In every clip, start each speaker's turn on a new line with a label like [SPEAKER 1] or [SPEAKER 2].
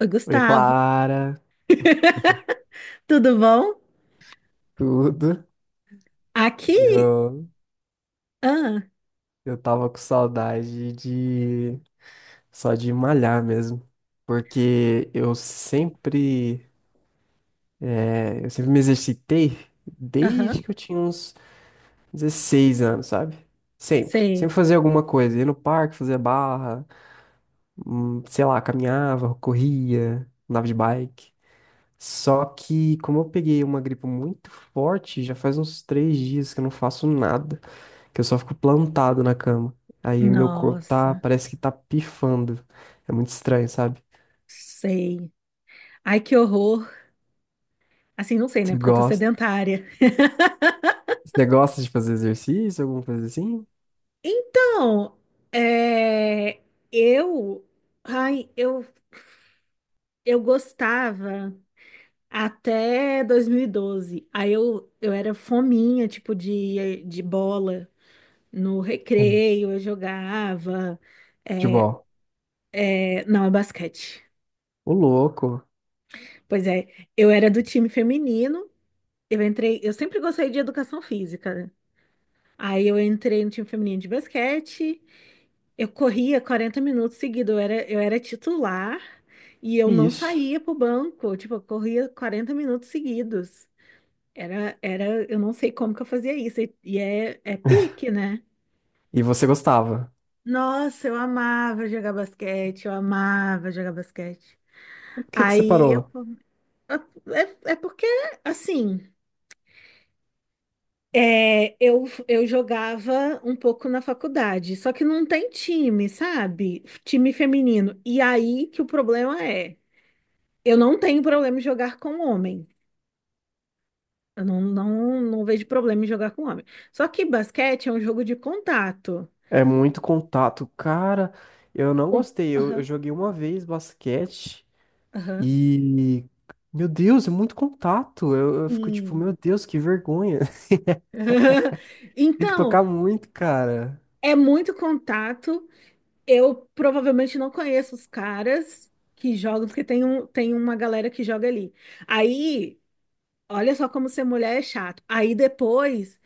[SPEAKER 1] Oi,
[SPEAKER 2] Oi,
[SPEAKER 1] Gustavo.
[SPEAKER 2] Clara,
[SPEAKER 1] Tudo bom?
[SPEAKER 2] tudo?
[SPEAKER 1] Aqui?
[SPEAKER 2] Eu,
[SPEAKER 1] Ah,
[SPEAKER 2] eu tava com saudade de só de malhar mesmo, porque eu sempre me exercitei
[SPEAKER 1] aham,
[SPEAKER 2] desde que eu tinha uns 16 anos, sabe? Sempre,
[SPEAKER 1] sei.
[SPEAKER 2] sempre fazia alguma coisa, ia no parque, fazia barra, sei lá, caminhava, corria, andava de bike. Só que como eu peguei uma gripe muito forte, já faz uns 3 dias que eu não faço nada. Que eu só fico plantado na cama. Aí meu corpo tá,
[SPEAKER 1] Nossa,
[SPEAKER 2] parece que tá pifando. É muito estranho, sabe?
[SPEAKER 1] sei. Ai, que horror. Assim, não sei, né?
[SPEAKER 2] Você
[SPEAKER 1] Porque eu tô
[SPEAKER 2] gosta,
[SPEAKER 1] sedentária.
[SPEAKER 2] você gosta de fazer exercício, alguma coisa assim?
[SPEAKER 1] Então, é, eu, ai, eu, eu gostava até 2012. Aí eu era fominha, tipo, de bola no
[SPEAKER 2] Hum.
[SPEAKER 1] recreio, eu jogava. É,
[SPEAKER 2] Futebol.
[SPEAKER 1] é, não, é basquete.
[SPEAKER 2] Ô, louco.
[SPEAKER 1] Pois é, eu era do time feminino, eu entrei, eu sempre gostei de educação física, né? Aí eu entrei no time feminino de basquete, eu corria 40 minutos seguidos, eu era titular e eu não
[SPEAKER 2] Isso.
[SPEAKER 1] saía pro banco, tipo, eu corria 40 minutos seguidos. Eu não sei como que eu fazia isso, e é pique, né?
[SPEAKER 2] E você gostava?
[SPEAKER 1] Nossa, eu amava jogar basquete, eu amava jogar basquete.
[SPEAKER 2] Por que que você
[SPEAKER 1] Aí eu,
[SPEAKER 2] parou?
[SPEAKER 1] eu- é, é porque, assim. Eu jogava um pouco na faculdade, só que não tem time, sabe? Time feminino. E aí que o problema é, eu não tenho problema em jogar com homem. Eu não, não, não vejo problema em jogar com homem. Só que basquete é um jogo de contato.
[SPEAKER 2] É muito contato. Cara, eu não
[SPEAKER 1] Com-
[SPEAKER 2] gostei. Eu
[SPEAKER 1] Aham,
[SPEAKER 2] joguei uma vez basquete
[SPEAKER 1] aham,
[SPEAKER 2] e. Meu Deus, é muito contato. Eu fico tipo,
[SPEAKER 1] sim.
[SPEAKER 2] meu Deus, que vergonha. Tem que
[SPEAKER 1] Então,
[SPEAKER 2] tocar muito, cara.
[SPEAKER 1] é muito contato. Eu provavelmente não conheço os caras que jogam, porque tem uma galera que joga ali. Aí. Olha só como ser mulher é chato. Aí depois,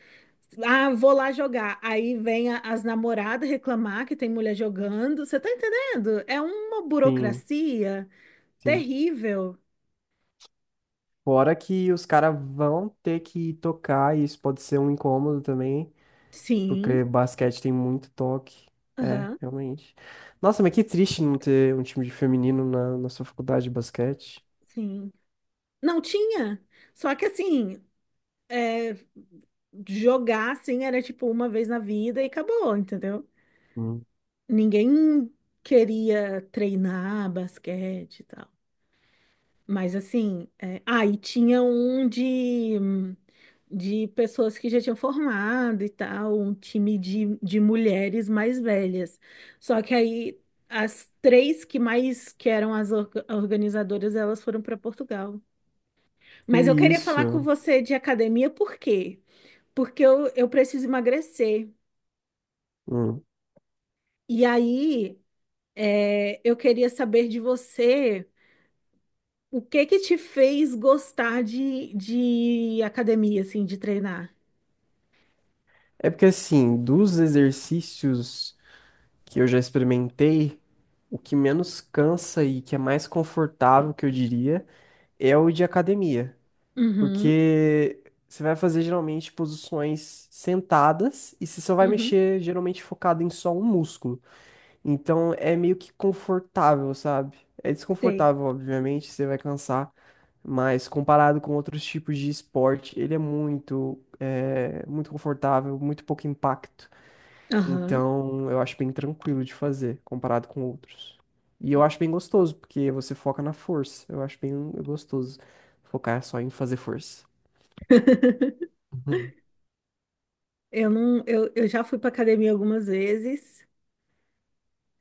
[SPEAKER 1] ah, vou lá jogar. Aí vem as namoradas reclamar que tem mulher jogando. Você tá entendendo? É uma
[SPEAKER 2] Sim,
[SPEAKER 1] burocracia
[SPEAKER 2] sim.
[SPEAKER 1] terrível.
[SPEAKER 2] Fora que os caras vão ter que tocar, e isso pode ser um incômodo também, porque
[SPEAKER 1] Sim,
[SPEAKER 2] basquete tem muito toque. É,
[SPEAKER 1] aham,
[SPEAKER 2] realmente. Nossa, mas que triste não ter um time de feminino na sua faculdade de basquete.
[SPEAKER 1] sim. Não tinha. Só que assim, é, jogar assim era tipo uma vez na vida e acabou, entendeu?
[SPEAKER 2] Hum.
[SPEAKER 1] Ninguém queria treinar basquete e tal. Mas assim, e tinha de pessoas que já tinham formado e tal, um time de mulheres mais velhas. Só que aí as três que mais que eram as organizadoras, elas foram para Portugal.
[SPEAKER 2] Que
[SPEAKER 1] Mas eu queria falar com
[SPEAKER 2] isso.
[SPEAKER 1] você de academia, por quê? Porque eu preciso emagrecer.
[SPEAKER 2] Hum.
[SPEAKER 1] E aí eu queria saber de você o que que te fez gostar de academia, assim, de treinar.
[SPEAKER 2] É porque, assim, dos exercícios que eu já experimentei, o que menos cansa e que é mais confortável, que eu diria, é o de academia.
[SPEAKER 1] Uhum,
[SPEAKER 2] Porque você vai fazer geralmente posições sentadas e você só vai
[SPEAKER 1] uhum,
[SPEAKER 2] mexer geralmente focado em só um músculo. Então é meio que confortável, sabe? É
[SPEAKER 1] sei.
[SPEAKER 2] desconfortável, obviamente, você vai cansar, mas comparado com outros tipos de esporte, ele é muito confortável, muito pouco impacto.
[SPEAKER 1] Aham.
[SPEAKER 2] Então eu acho bem tranquilo de fazer comparado com outros. E eu acho bem gostoso, porque você foca na força. Eu acho bem gostoso focar só em fazer força.
[SPEAKER 1] Eu não, eu já fui pra academia algumas vezes,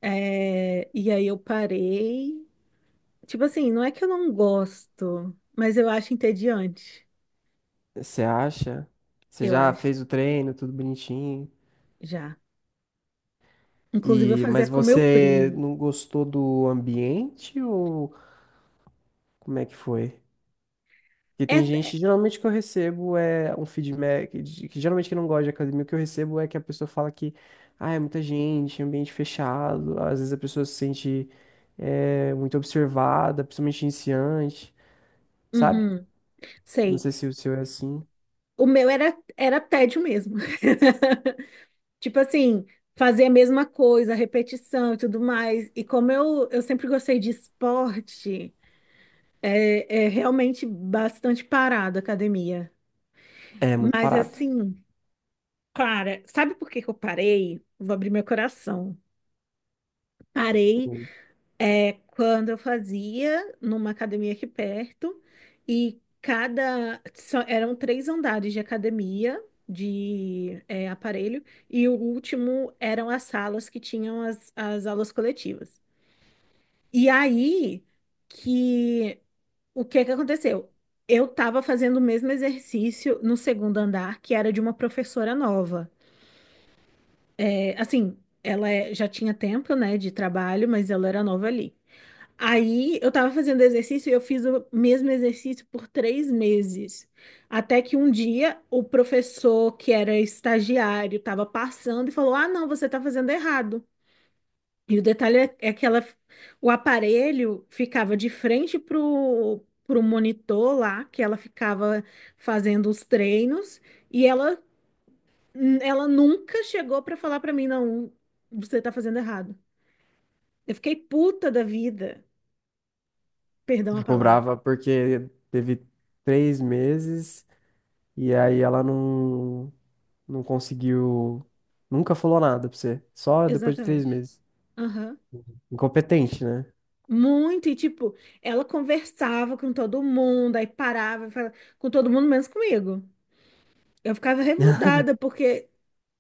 [SPEAKER 1] e aí eu parei. Tipo assim, não é que eu não gosto, mas eu acho entediante.
[SPEAKER 2] Você acha? Você
[SPEAKER 1] Eu
[SPEAKER 2] já
[SPEAKER 1] acho,
[SPEAKER 2] fez o treino, tudo bonitinho.
[SPEAKER 1] já. Inclusive, eu
[SPEAKER 2] E
[SPEAKER 1] fazia
[SPEAKER 2] mas
[SPEAKER 1] com meu
[SPEAKER 2] você
[SPEAKER 1] primo.
[SPEAKER 2] não gostou do ambiente ou como é que foi? Porque
[SPEAKER 1] É,
[SPEAKER 2] tem
[SPEAKER 1] é-
[SPEAKER 2] gente, geralmente que eu recebo é um feedback, que geralmente que não gosta de academia, o que eu recebo é que a pessoa fala que, ah, é muita gente, ambiente fechado, às vezes a pessoa se sente muito observada, principalmente iniciante, sabe?
[SPEAKER 1] uhum,
[SPEAKER 2] Não
[SPEAKER 1] sei.
[SPEAKER 2] sei se o seu é assim.
[SPEAKER 1] O meu era, era tédio mesmo. Tipo assim, fazer a mesma coisa, repetição e tudo mais. E como eu sempre gostei de esporte, é realmente bastante parado a academia.
[SPEAKER 2] É muito
[SPEAKER 1] Mas
[SPEAKER 2] parado.
[SPEAKER 1] assim. Cara, sabe por que que eu parei? Vou abrir meu coração. Parei quando eu fazia numa academia aqui perto e eram 3 andares de academia de aparelho e o último eram as salas que tinham as aulas coletivas. E aí que o que que aconteceu? Eu estava fazendo o mesmo exercício no segundo andar, que era de uma professora nova. Assim, já tinha tempo, né, de trabalho, mas ela era nova ali. Aí eu tava fazendo exercício e eu fiz o mesmo exercício por 3 meses. Até que um dia o professor, que era estagiário, tava passando e falou: Ah, não, você tá fazendo errado. E o detalhe é que ela, o aparelho ficava de frente pro, monitor lá, que ela ficava fazendo os treinos, e ela ela nunca chegou pra falar pra mim, não, você tá fazendo errado. Eu fiquei puta da vida. Perdão a
[SPEAKER 2] Ficou
[SPEAKER 1] palavra.
[SPEAKER 2] brava porque teve 3 meses e aí ela não conseguiu. Nunca falou nada pra você. Só depois de três
[SPEAKER 1] Exatamente.
[SPEAKER 2] meses.
[SPEAKER 1] Aham.
[SPEAKER 2] Incompetente, né?
[SPEAKER 1] Muito, e tipo, ela conversava com todo mundo, aí parava, falava com todo mundo, menos comigo. Eu ficava revoltada, porque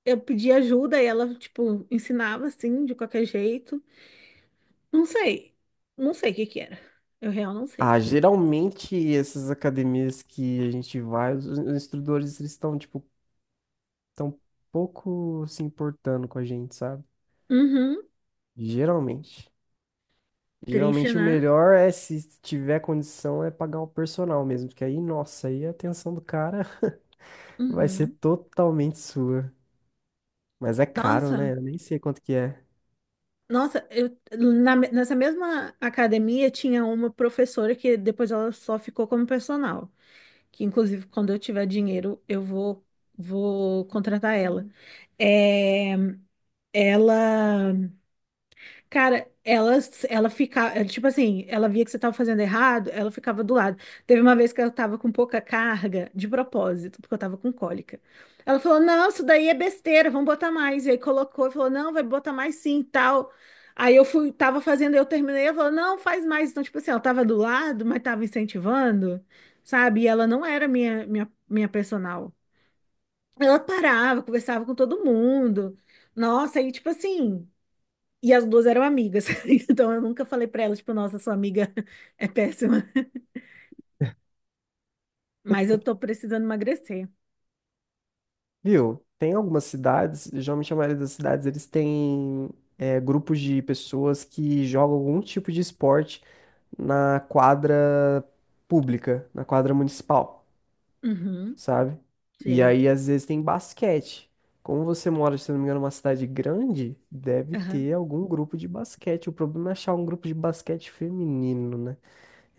[SPEAKER 1] eu pedia ajuda e ela, tipo, ensinava assim, de qualquer jeito. Não sei. Não sei o que que era. Eu real não
[SPEAKER 2] Ah,
[SPEAKER 1] sei.
[SPEAKER 2] geralmente essas academias que a gente vai, os instrutores eles estão, tipo, tão pouco se importando com a gente, sabe?
[SPEAKER 1] Uhum.
[SPEAKER 2] Geralmente.
[SPEAKER 1] Triste,
[SPEAKER 2] Geralmente o
[SPEAKER 1] né?
[SPEAKER 2] melhor é, se tiver condição, é pagar o personal mesmo, porque aí, nossa, aí a atenção do cara vai ser
[SPEAKER 1] Uhum.
[SPEAKER 2] totalmente sua. Mas é caro, né?
[SPEAKER 1] Nossa.
[SPEAKER 2] Eu nem sei quanto que é.
[SPEAKER 1] Nossa, nessa mesma academia tinha uma professora que depois ela só ficou como personal, que inclusive quando eu tiver dinheiro eu vou contratar ela. É, ela Cara, ela ficava, tipo assim, ela via que você tava fazendo errado, ela ficava do lado. Teve uma vez que eu tava com pouca carga, de propósito, porque eu tava com cólica. Ela falou: Não, isso daí é besteira, vamos botar mais. E aí colocou e falou: Não, vai botar mais sim, tal. Aí eu fui, tava fazendo, eu terminei, ela falou: Não, faz mais. Então, tipo assim, ela tava do lado, mas tava incentivando, sabe? E ela não era minha personal. Ela parava, conversava com todo mundo. Nossa, aí, tipo assim. E as duas eram amigas. Então eu nunca falei pra ela, tipo, nossa, sua amiga é péssima. Mas eu tô precisando emagrecer.
[SPEAKER 2] Viu? Tem algumas cidades, geralmente a maioria das cidades, eles têm grupos de pessoas que jogam algum tipo de esporte na quadra pública, na quadra municipal,
[SPEAKER 1] Uhum,
[SPEAKER 2] sabe? E
[SPEAKER 1] sei.
[SPEAKER 2] aí, às vezes, tem basquete. Como você mora, se não me engano, numa cidade grande, deve
[SPEAKER 1] Aham,
[SPEAKER 2] ter algum grupo de basquete. O problema é achar um grupo de basquete feminino, né?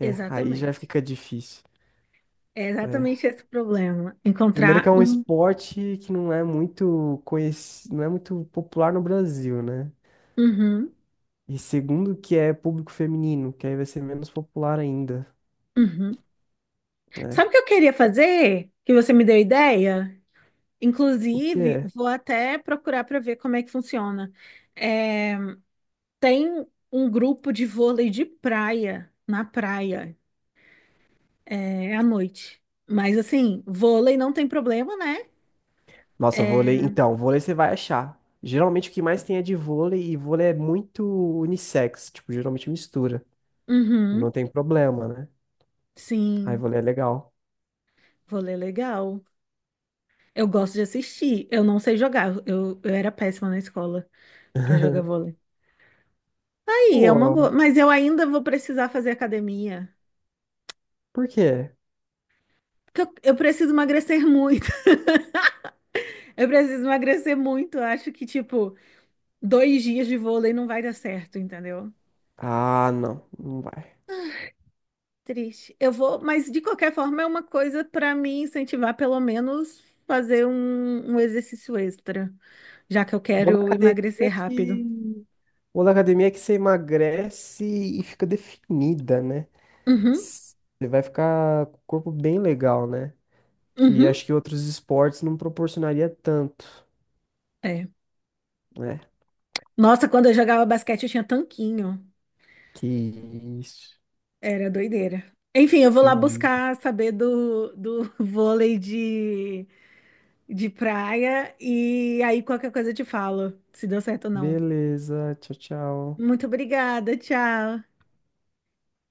[SPEAKER 2] É, aí já fica difícil.
[SPEAKER 1] É
[SPEAKER 2] É,
[SPEAKER 1] exatamente esse o problema.
[SPEAKER 2] primeiro que
[SPEAKER 1] Encontrar
[SPEAKER 2] é um
[SPEAKER 1] um.
[SPEAKER 2] esporte que não é muito conhecido, não é muito popular no Brasil, né?
[SPEAKER 1] Uhum,
[SPEAKER 2] E segundo que é público feminino, que aí vai ser menos popular ainda,
[SPEAKER 1] uhum. Sabe
[SPEAKER 2] né?
[SPEAKER 1] o que eu queria fazer? Que você me deu ideia?
[SPEAKER 2] O que
[SPEAKER 1] Inclusive,
[SPEAKER 2] é?
[SPEAKER 1] vou até procurar para ver como é que funciona. É, Tem um grupo de vôlei de praia, na praia. É à noite. Mas assim, vôlei não tem problema, né?
[SPEAKER 2] Nossa,
[SPEAKER 1] É,
[SPEAKER 2] vôlei, então, vôlei você vai achar. Geralmente o que mais tem é de vôlei e vôlei é muito unissex, tipo, geralmente mistura. E não
[SPEAKER 1] Uhum,
[SPEAKER 2] tem problema, né? Aí
[SPEAKER 1] sim,
[SPEAKER 2] vôlei é legal.
[SPEAKER 1] vôlei é legal. Eu gosto de assistir. Eu não sei jogar. Eu era péssima na escola pra jogar vôlei. Aí, é uma
[SPEAKER 2] Pô,
[SPEAKER 1] boa. Mas eu ainda vou precisar fazer academia.
[SPEAKER 2] por quê?
[SPEAKER 1] Porque eu preciso emagrecer muito. Eu preciso emagrecer muito. Eu acho que, tipo, 2 dias de vôlei não vai dar certo, entendeu?
[SPEAKER 2] Ah, não, não vai.
[SPEAKER 1] Triste. Eu vou, mas de qualquer forma é uma coisa pra me incentivar, pelo menos, fazer um exercício extra. Já que eu
[SPEAKER 2] Vou na
[SPEAKER 1] quero
[SPEAKER 2] academia
[SPEAKER 1] emagrecer rápido.
[SPEAKER 2] que o da academia é que você emagrece e fica definida, né?
[SPEAKER 1] Uhum,
[SPEAKER 2] Você vai ficar com o corpo bem legal, né? Que
[SPEAKER 1] uhum,
[SPEAKER 2] acho que outros esportes não proporcionaria tanto,
[SPEAKER 1] é.
[SPEAKER 2] né?
[SPEAKER 1] Nossa, quando eu jogava basquete eu tinha tanquinho.
[SPEAKER 2] Que isso.
[SPEAKER 1] Era doideira. Enfim, eu vou
[SPEAKER 2] Que
[SPEAKER 1] lá
[SPEAKER 2] isso.
[SPEAKER 1] buscar saber do, do vôlei de praia e aí qualquer coisa eu te falo, se deu certo ou não.
[SPEAKER 2] Beleza. Tchau, tchau.
[SPEAKER 1] Muito obrigada, tchau.